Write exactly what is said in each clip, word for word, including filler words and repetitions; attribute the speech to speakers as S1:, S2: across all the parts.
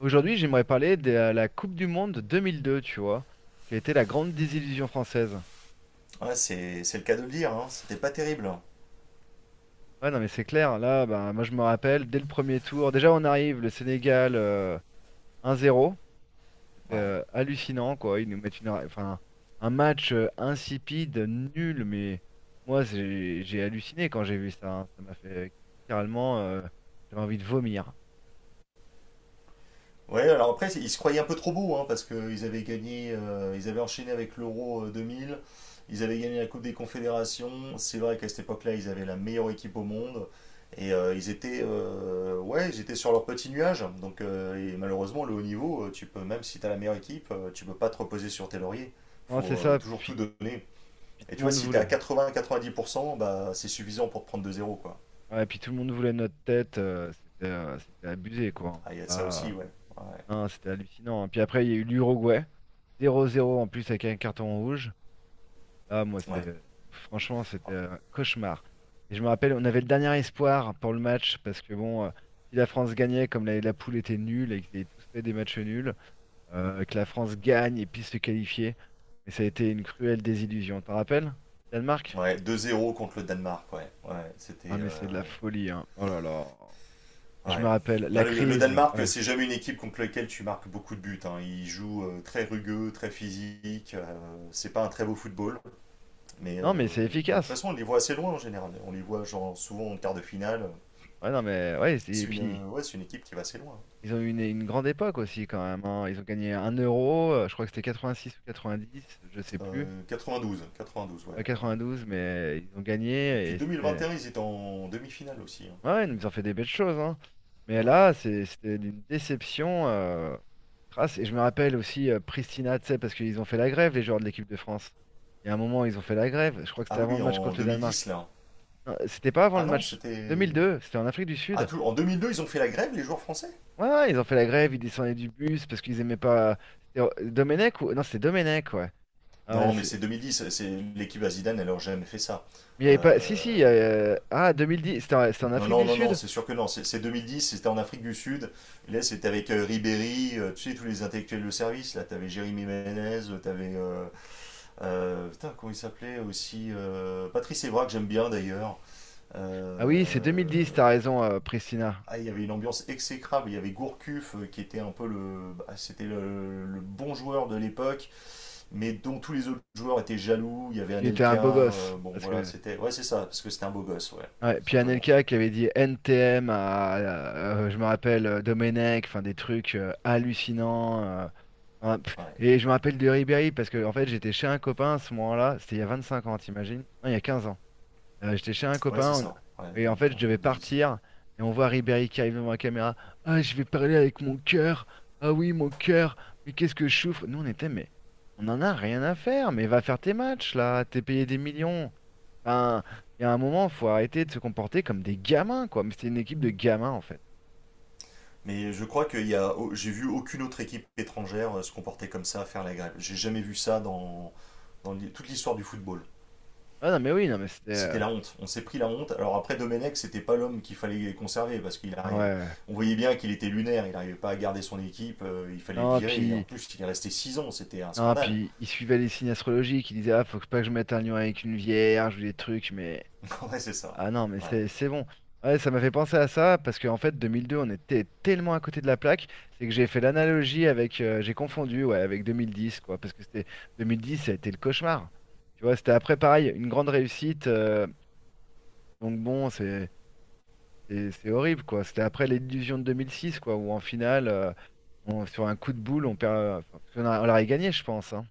S1: Aujourd'hui, j'aimerais parler de la Coupe du Monde deux mille deux, tu vois, qui a été la grande désillusion française.
S2: Ouais, c'est c'est le cas de le dire, hein. C'était pas terrible, hein.
S1: Ouais, non, mais c'est clair, là, bah, moi je me rappelle, dès le premier tour, déjà on arrive, le Sénégal euh, un zéro, c'était
S2: Ouais.
S1: euh, hallucinant, quoi. Ils nous mettent une, enfin, un match euh, insipide, nul, mais moi j'ai j'ai halluciné quand j'ai vu ça. Hein. Ça m'a fait littéralement, euh, j'avais envie de vomir.
S2: Ouais, alors après, ils se croyaient un peu trop beaux, hein, parce qu'ils avaient gagné, euh, ils avaient enchaîné avec l'Euro euh, deux mille, ils avaient gagné la Coupe des Confédérations. C'est vrai qu'à cette époque-là, ils avaient la meilleure équipe au monde. Et euh, ils étaient, euh, ouais, ils étaient sur leur petit nuage. Donc, euh, et malheureusement, le haut niveau, euh, tu peux, même si tu as la meilleure équipe, euh, tu peux pas te reposer sur tes lauriers.
S1: Non, c'est
S2: Faut euh,
S1: ça.
S2: toujours tout
S1: Puis,
S2: donner.
S1: puis
S2: Et
S1: tout
S2: tu
S1: le
S2: vois,
S1: monde
S2: si tu es à
S1: voulait.
S2: quatre-vingts-quatre-vingt-dix pour cent, bah, c'est suffisant pour te prendre deux zéro, quoi.
S1: Ouais, puis tout le monde voulait notre tête. euh, c'était, euh, c'était abusé, quoi.
S2: Ah, il y a de
S1: Hein.
S2: ça aussi,
S1: Là,
S2: ouais. Ouais,
S1: hein, c'était hallucinant. Hein. Puis après, il y a eu l'Uruguay. Zéro zéro en plus avec un carton rouge. Là, moi,
S2: ouais.
S1: c'est franchement, c'était un cauchemar. Et je me rappelle, on avait le dernier espoir pour le match parce que bon, euh, si la France gagnait, comme la, la poule était nulle et qu'ils avaient tous fait des matchs nuls, euh, que la France gagne et puisse se qualifier. Mais ça a été une cruelle désillusion. T'en rappelles? Danemark?
S2: Ouais, deux zéro contre le Danemark, ouais. Ouais,
S1: Ah
S2: c'était.
S1: mais c'est
S2: euh,
S1: de la folie, hein. Oh là là. Et je me
S2: Ouais.
S1: rappelle,
S2: Ah,
S1: la
S2: Le, le
S1: crise,
S2: Danemark,
S1: ouais.
S2: c'est jamais une équipe contre laquelle tu marques beaucoup de buts, hein. Ils jouent euh, très rugueux, très physique. Euh, c'est pas un très beau football. Mais, euh,
S1: Non mais c'est
S2: mais de toute
S1: efficace.
S2: façon, on les voit assez loin en général. On les voit genre, souvent en quart de finale.
S1: Ouais, non mais ouais, c'est- et
S2: C'est une,
S1: puis
S2: euh, ouais, c'est une équipe qui va assez loin.
S1: ils ont eu une, une grande époque aussi quand même, hein. Ils ont gagné un euro, euh, je crois que c'était quatre-vingt-six ou quatre-vingt-dix, je sais plus.
S2: Euh, quatre-vingt-douze, quatre-vingt-douze, ouais, ouais.
S1: Pas douze mais ils ont
S2: Et
S1: gagné
S2: puis
S1: et c'était.
S2: deux mille vingt et un, ils étaient en demi-finale aussi, hein.
S1: Ouais, ouais, ils ont fait des belles choses, hein. Mais
S2: Ouais.
S1: là, c'est- c'était une déception. euh, crasse. Et je me rappelle aussi euh, Pristina, tu sais, parce qu'ils ont fait la grève, les joueurs de l'équipe de France. Il y a un moment, ils ont fait la grève. Je crois que c'était
S2: Ah
S1: avant
S2: oui,
S1: le match
S2: en
S1: contre le
S2: deux mille dix,
S1: Danemark.
S2: là.
S1: Non, c'était pas avant
S2: Ah
S1: le
S2: non,
S1: match
S2: c'était.
S1: deux mille deux, c'était en Afrique du
S2: Ah,
S1: Sud.
S2: tout. En deux mille deux, ils ont fait la grève, les joueurs français?
S1: Ouais, ouais, ils ont fait la grève, ils descendaient du bus parce qu'ils aimaient pas. C'était euh, Domenech ou. Non, c'était Domenech, ouais. Ah ouais,
S2: Non, mais
S1: c'est-
S2: c'est deux mille dix. C'est l'équipe à Zidane, elle n'aurait jamais fait ça.
S1: Mais il y avait pas. Si, si.
S2: Euh,
S1: Euh, ah, deux mille dix, c'était en... c'était en
S2: Non,
S1: Afrique
S2: non,
S1: du
S2: non, non,
S1: Sud?
S2: c'est sûr que non. C'est c'est deux mille dix, c'était en Afrique du Sud. Et là, c'était avec euh, Ribéry, euh, tu sais, tous les intellectuels de service. Là, t'avais Jérémy Ménez, euh, t'avais. Euh, euh, putain, comment il s'appelait aussi euh, Patrice Evra, que j'aime bien d'ailleurs.
S1: Ah oui, c'est
S2: Euh,
S1: deux mille dix, t'as raison, euh, Pristina.
S2: Ah, il y avait une ambiance exécrable. Il y avait Gourcuff, euh, qui était un peu le. Bah, c'était le, le bon joueur de l'époque, mais dont tous les autres joueurs étaient jaloux. Il y avait
S1: Parce qu'il était un beau
S2: Anelka,
S1: gosse.
S2: euh, bon
S1: Parce
S2: voilà,
S1: que...
S2: c'était. Ouais, c'est ça, parce que c'était un beau gosse, ouais,
S1: Ouais,
S2: tout
S1: puis
S2: simplement.
S1: Anelka qui avait dit N T M à, euh, euh, je me rappelle, euh, Domenech, enfin des trucs euh, hallucinants. euh, hein, pff,
S2: Ouais,
S1: et je me rappelle de Ribéry parce que en fait j'étais chez un copain à ce moment-là, c'était il y a vingt-cinq ans, t'imagines? Non, il y a quinze ans. Euh, j'étais chez un
S2: ouais c'est
S1: copain on-
S2: ça, ouais,
S1: et en fait je
S2: deux mille quinze,
S1: devais
S2: deux mille dix, ouais.
S1: partir et on voit Ribéry qui arrive devant la caméra. Ah, je vais parler avec mon cœur. Ah oui, mon cœur. Mais qu'est-ce que je souffre? Nous on était mais on en a rien à faire. Mais va faire tes matchs là. T'es payé des millions. Enfin, il y a un moment faut arrêter de se comporter comme des gamins quoi. Mais c'était une équipe de gamins en fait.
S2: Mais je crois qu'il y a. au- J'ai vu aucune autre équipe étrangère euh, se comporter comme ça, faire la grève. J'ai jamais vu ça dans, dans l'hi- toute l'histoire du football.
S1: Ah non mais oui non mais c'était
S2: C'était
S1: euh,
S2: la honte. On s'est pris la honte. Alors après, Domenech, c'était pas l'homme qu'il fallait conserver parce qu'il
S1: ah
S2: arrive.
S1: ouais.
S2: On voyait bien qu'il était lunaire. Il n'arrivait pas à garder son équipe. Euh, il fallait le
S1: Non
S2: virer. Et en
S1: puis
S2: plus, il est resté six ans. C'était un
S1: non
S2: scandale.
S1: puis ils suivaient les signes astrologiques. Ils disaient ah faut pas que je mette un lion avec une vierge ou des trucs mais.
S2: Ouais, c'est ça.
S1: Ah non, mais
S2: Ouais.
S1: c'est c'est bon. Ouais, ça m'a fait penser à ça parce qu'en fait, deux mille deux, on était tellement à côté de la plaque, c'est que j'ai fait l'analogie avec, euh, j'ai confondu, ouais, avec deux mille dix, quoi, parce que c'était deux mille dix, ça a été le cauchemar. Tu vois, c'était après pareil, une grande réussite. euh, donc bon, c'est c'est c'est horrible, quoi. C'était après l'illusion de deux mille six, quoi, où en finale, euh, on- sur un coup de boule, on perd. euh, enfin, parce qu'on a- on l'aurait gagné, je pense. Hein.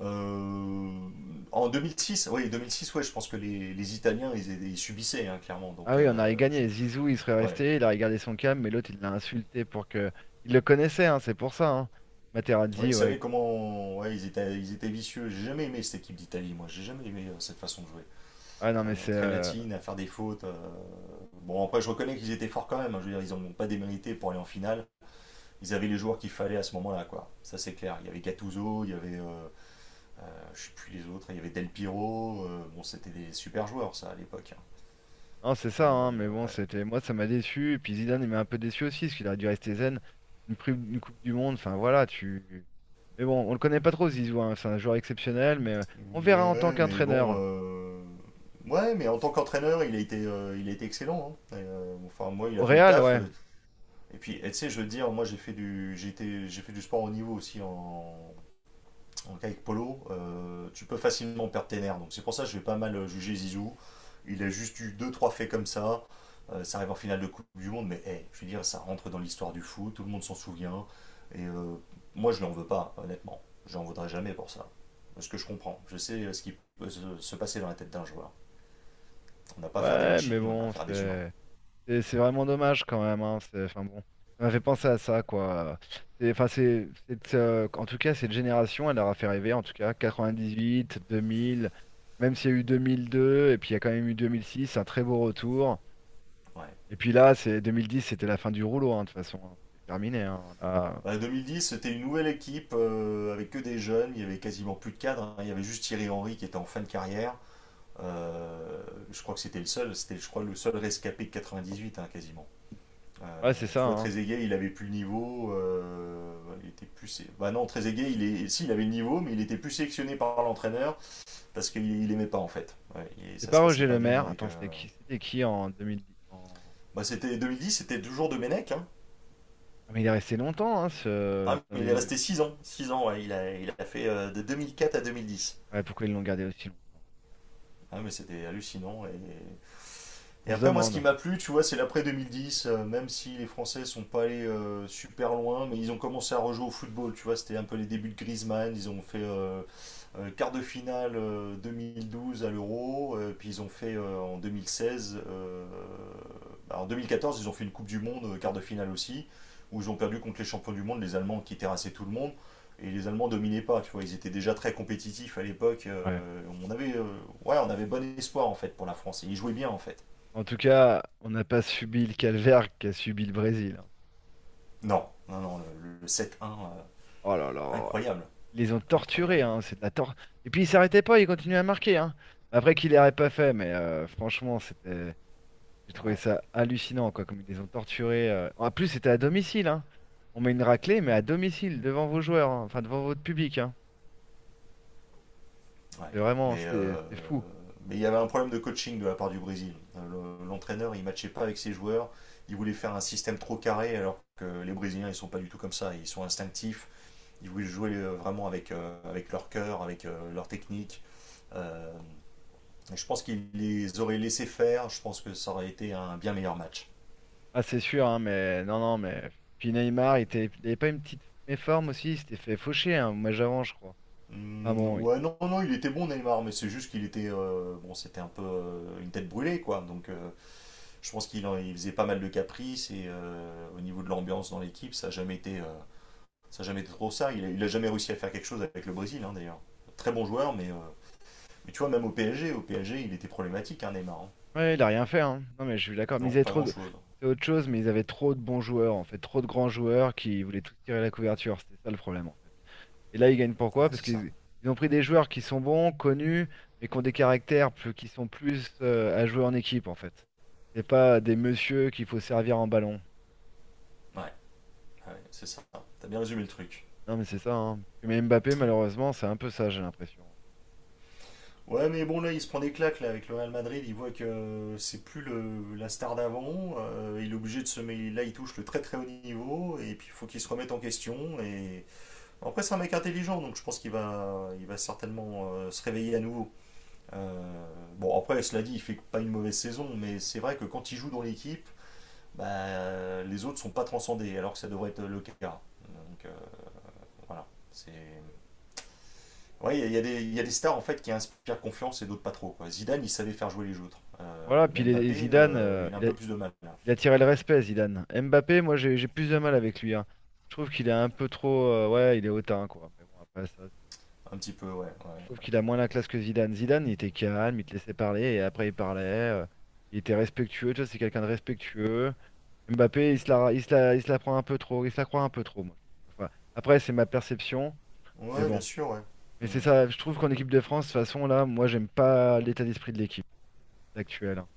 S2: Euh, En deux mille six, oui, deux mille six, ouais, je pense que les, les Italiens, ils, ils subissaient, hein, clairement.
S1: Ah
S2: Donc,
S1: oui, on aurait
S2: euh,
S1: gagné.
S2: je-
S1: Zizou, il serait
S2: ouais.
S1: resté, il a regardé son cam. Mais l'autre, il l'a insulté pour que. Il le connaissait, hein, c'est pour ça. Hein.
S2: Ouais, ils
S1: Materazzi, ouais.
S2: savaient comment. Ouais, ils étaient, ils étaient vicieux. J'ai jamais aimé cette équipe d'Italie, moi. J'ai jamais aimé euh, cette façon de jouer.
S1: Ah non,
S2: Euh,
S1: mais c'est.
S2: très
S1: Euh,
S2: latine, à faire des fautes. euh, Bon, après, je reconnais qu'ils étaient forts quand même, hein. Je veux dire, ils n'ont pas démérité pour aller en finale. Ils avaient les joueurs qu'il fallait à ce moment-là, quoi. Ça, c'est clair. Il y avait Gattuso, il y avait. Euh, euh, je sais plus les autres. Il y avait Del Piro. Euh, bon, c'était des super joueurs, ça, à l'époque, hein.
S1: non, c'est
S2: Mais
S1: ça, hein, mais
S2: euh,
S1: bon,
S2: ouais.
S1: c'était. Moi, ça m'a déçu. Et puis Zidane, il m'a un peu déçu aussi, parce qu'il aurait dû rester zen. Une, pri- une Coupe du Monde, enfin voilà, tu. Mais bon, on le connaît pas trop, Zizou, hein, c'est un joueur exceptionnel, mais euh, on verra en tant
S2: Ouais, mais bon.
S1: qu'entraîneur.
S2: euh, Ouais, mais en tant qu'entraîneur, il a été, euh, il a été excellent, hein. Et, euh, enfin, moi, il
S1: Au
S2: a fait le
S1: Real,
S2: taf.
S1: ouais.
S2: euh, Et puis, et tu sais, je veux dire, moi, j'ai fait du, j'ai été- j'ai fait du sport au niveau aussi en, donc avec Polo, euh, tu peux facilement perdre tes nerfs. Donc c'est pour ça que je vais pas mal juger Zizou. Il a juste eu deux trois faits comme ça. Euh, ça arrive en finale de Coupe du Monde, mais hey, je veux dire, ça rentre dans l'histoire du foot, tout le monde s'en souvient. Et euh, moi, je ne l'en veux pas, honnêtement. Je n'en voudrais jamais pour ça. Parce que je comprends. Je sais euh, ce qui peut se se passer dans la tête d'un joueur. On n'a pas à faire des
S1: Ouais, mais
S2: machines, on a à
S1: bon,
S2: faire des humains.
S1: c'est. Et c'est vraiment dommage quand même, hein. C'est, enfin bon, ça m'a fait penser à ça, quoi. C'est, enfin, c'est, c'est, euh, en tout cas, cette génération, elle leur a fait rêver, en tout cas, quatre-vingt-dix-huit, deux mille, même s'il y a eu deux mille deux, et puis il y a quand même eu deux mille six, un très beau retour.
S2: Ouais.
S1: Et puis là, c'est deux mille dix, c'était la fin du rouleau, hein, de toute façon. Hein. C'était terminé, hein. Là,
S2: Bah, deux mille dix, c'était une nouvelle équipe euh, avec que des jeunes. Il y avait quasiment plus de cadres, hein. Il y avait juste Thierry Henry qui était en fin de carrière. Euh, je crois que c'était le seul, c'était je crois le seul rescapé de quatre-vingt-dix-huit, hein, quasiment. Euh,
S1: ouais, c'est
S2: tu
S1: ça,
S2: vois,
S1: hein.
S2: Trezeguet, il avait plus le niveau, euh, ouais, il était plus. Bah non, Trezeguet, il est, si, il avait le niveau, mais il était plus sélectionné par l'entraîneur parce qu'il il aimait pas en fait. Ouais, et
S1: C'est
S2: ça
S1: pas
S2: se passait
S1: Roger
S2: pas
S1: Le
S2: bien
S1: Maire.
S2: avec. euh,
S1: Attends, c'était qui, c'était qui en deux mille dix, en...
S2: Bah c'était deux mille dix, c'était toujours de Menech, hein.
S1: Ah, mais il est resté longtemps, hein, ce,
S2: Ah,
S1: cet
S2: mais il est
S1: individu.
S2: resté six ans, Six ans, ouais, il a, il a fait euh, de deux mille quatre à deux mille dix.
S1: Ouais, pourquoi ils l'ont gardé aussi longtemps?
S2: Ah, mais c'était hallucinant et. Et
S1: On se
S2: après, moi, ce qui
S1: demande.
S2: m'a plu, tu vois, c'est l'après deux mille dix, euh, même si les Français sont pas allés euh, super loin, mais ils ont commencé à rejouer au football, tu vois, c'était un peu les débuts de Griezmann, ils ont fait euh, euh, quart de finale euh, deux mille douze à l'Euro, euh, puis ils ont fait euh, en deux mille seize, euh, bah, en deux mille quatorze ils ont fait une Coupe du Monde, euh, quart de finale aussi, où ils ont perdu contre les champions du monde, les Allemands qui terrassaient tout le monde, et les Allemands dominaient pas, tu vois, ils étaient déjà très compétitifs à l'époque,
S1: Ouais.
S2: euh, on avait, euh, ouais, on avait bon espoir en fait pour la France, et ils jouaient bien en fait.
S1: En tout cas, on n'a pas subi le calvaire qu'a subi le Brésil. Hein.
S2: Non, non, non, le, le sept un, euh,
S1: Oh là là,
S2: incroyable,
S1: ils les ont
S2: incroyable.
S1: torturés, hein, c'est de la tor- Et puis ils s'arrêtaient pas, ils continuaient à marquer. Hein. Après qu'ils l'auraient pas fait, mais euh, franchement, c'était, j'ai trouvé
S2: Ouais,
S1: ça hallucinant, quoi, comme ils les ont torturés. Euh. En plus, c'était à domicile, hein. On met une raclée, mais à domicile, devant vos joueurs, hein, enfin devant votre public, hein.
S2: ouais.
S1: C'est vraiment,
S2: Mais
S1: c'était,
S2: euh,
S1: c'était fou.
S2: mais il y avait un problème de coaching de la part du Brésil. Euh, le- L'entraîneur, il matchait pas avec ses joueurs. Il voulait faire un système trop carré, alors que les Brésiliens, ils sont pas du tout comme ça. Ils sont instinctifs. Ils voulaient jouer euh, vraiment avec, euh, avec leur cœur, avec euh, leur technique. Euh, et je pense qu'il les aurait laissés faire. Je pense que ça aurait été un bien meilleur match.
S1: Ah, c'est sûr, hein, mais non, non, mais puis Neymar, il était- il avait pas une petite méforme aussi, il s'était fait faucher un match avant, je crois. Ah
S2: Hmm,
S1: bon,
S2: ouais, non, non, il était bon Neymar, mais c'est juste qu'il était, euh, bon, c'était un peu euh, une tête brûlée, quoi. Donc, euh, je pense qu'il en- il faisait pas mal de caprices et euh, au niveau de l'ambiance dans l'équipe, ça a jamais été, euh, ça a jamais été trop ça. Il a, il a jamais réussi à faire quelque chose avec le Brésil, hein, d'ailleurs. Très bon joueur, mais, euh, mais tu vois, même au P S G, au P S G, il était problématique, hein, Neymar, hein.
S1: ouais, il a rien fait, hein. Non, mais je suis d'accord. Mais ils
S2: Non,
S1: avaient
S2: pas
S1: trop de...
S2: grand-chose.
S1: C'est autre chose, mais ils avaient trop de bons joueurs, en fait. Trop de grands joueurs qui voulaient tous tirer la couverture. C'était ça le problème, en fait. Et là, ils gagnent pourquoi?
S2: Ouais,
S1: Parce
S2: c'est ça.
S1: qu'ils ils ont pris des joueurs qui sont bons, connus, mais qui ont des caractères plus... qui sont plus euh, à jouer en équipe, en fait. C'est pas des messieurs qu'il faut servir en ballon.
S2: Ouais, ouais, c'est ça. T'as bien résumé le truc.
S1: Non, mais c'est ça, hein. Mais Mbappé, malheureusement, c'est un peu ça, j'ai l'impression.
S2: Ouais, mais bon, là, il se prend des claques là, avec le Real Madrid. Il voit que euh, c'est plus le, la star d'avant. Euh, il est obligé de se mettre. Là, il touche le très très haut niveau. Et puis, il faut qu'il se remette en question. Et après, c'est un mec intelligent, donc je pense qu'il va, il va certainement euh, se réveiller à nouveau. Euh, bon, après, cela dit, il fait pas une mauvaise saison. Mais c'est vrai que quand il joue dans l'équipe, bah, les autres sont pas transcendés, alors que ça devrait être le cas. Donc, euh, voilà. C'est. Oui, il y, a des- il y a des stars en fait qui inspirent confiance et d'autres pas trop, quoi. Zidane, il savait faire jouer les autres. Euh,
S1: Voilà, puis les, les
S2: Mbappé,
S1: Zidane,
S2: euh,
S1: euh,
S2: il a un
S1: il a-
S2: peu plus de mal là.
S1: Il a tiré le respect, Zidane. Mbappé, moi, j'ai j'ai plus de mal avec lui. Hein. Je trouve qu'il est un peu trop. euh, ouais, il est hautain, quoi. Mais bon, après ça, c'est-
S2: Un petit peu, ouais.
S1: je trouve
S2: Ouais,
S1: qu'il a moins la classe que Zidane. Zidane, il était calme, il te laissait parler et après, il parlait. euh, il était respectueux. Tu vois, c'est quelqu'un de respectueux. Mbappé, il se la, il se la, il se la prend un peu trop. Il se la croit un peu trop, moi. Je trouve. Enfin, après, c'est ma perception. Mais
S2: ouais, bien
S1: bon.
S2: sûr, ouais.
S1: Mais c'est
S2: Hmm.
S1: ça. Je trouve qu'en équipe de France, de toute façon, là, moi, j'aime pas l'état d'esprit de l'équipe actuelle. Hein.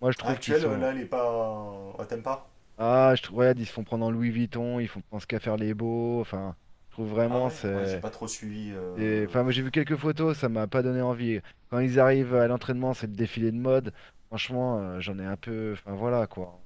S1: Moi, je
S2: Ah,
S1: trouve qu'ils
S2: actuel, euh,
S1: sont.
S2: là, elle est pas. Ah, t'aimes pas?
S1: Ah, je trouve, regarde, ils se font prendre en Louis Vuitton, ils font pensent qu'à faire les beaux. Enfin, je trouve
S2: Ah
S1: vraiment,
S2: ouais? Ouais, j'ai
S1: c'est.
S2: pas trop suivi.
S1: C'est-
S2: Euh,
S1: enfin, moi j'ai vu quelques photos, ça m'a pas donné envie. Quand ils arrivent à
S2: ouais.
S1: l'entraînement, c'est le défilé de mode. Franchement, euh, j'en ai un peu. Enfin, voilà quoi.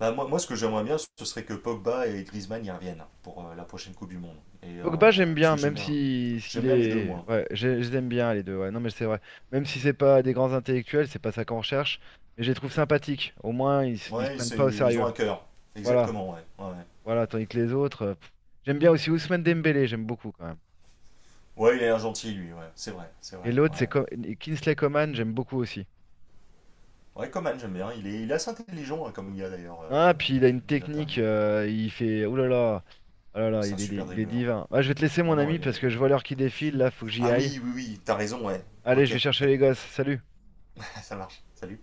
S2: Bah, moi, moi, ce que j'aimerais bien, ce serait que Pogba et Griezmann y reviennent pour euh, la prochaine Coupe du Monde. Et,
S1: Pogba,
S2: euh,
S1: j'aime
S2: parce
S1: bien,
S2: que j'aime
S1: même
S2: bien.
S1: si s'il
S2: J'aime bien les deux,
S1: est.
S2: moi.
S1: Ouais, je, je les aime bien les deux. Ouais, non, mais c'est vrai. Même si c'est pas des grands intellectuels, c'est pas ça qu'on recherche. Mais je les trouve sympathiques. Au moins, ils, s- ils se
S2: Ouais,
S1: prennent
S2: c'est,
S1: pas au
S2: ils ont
S1: sérieux.
S2: un cœur.
S1: Voilà,
S2: Exactement, ouais. Ouais, ouais.
S1: voilà. Tandis que les autres. euh, pff. J'aime bien aussi Ousmane Dembélé, j'aime beaucoup quand même.
S2: Ouais, il a l'air gentil, lui, ouais. C'est vrai, c'est
S1: Et
S2: vrai. Ouais.
S1: l'autre, c'est Co- Kingsley Coman, j'aime beaucoup aussi.
S2: Ouais, Coman, j'aime bien. Il est, il est assez intelligent, hein, comme gars d'ailleurs, euh,
S1: Ah,
S2: Coman.
S1: puis il a
S2: J'ai
S1: une
S2: vu des
S1: technique,
S2: interviews.
S1: euh, il fait. Ouh là là, oh là là,
S2: C'est un
S1: il est,
S2: super
S1: il est
S2: dribbleur.
S1: divin. Ah, je vais te laisser,
S2: Non,
S1: mon
S2: non,
S1: ami,
S2: il
S1: parce
S2: est.
S1: que je vois l'heure qui défile, là, faut que j'y
S2: Ah
S1: aille.
S2: oui, oui, oui, t'as raison, ouais.
S1: Allez, je
S2: Ok,
S1: vais chercher les gosses, salut!
S2: ça marche. Salut.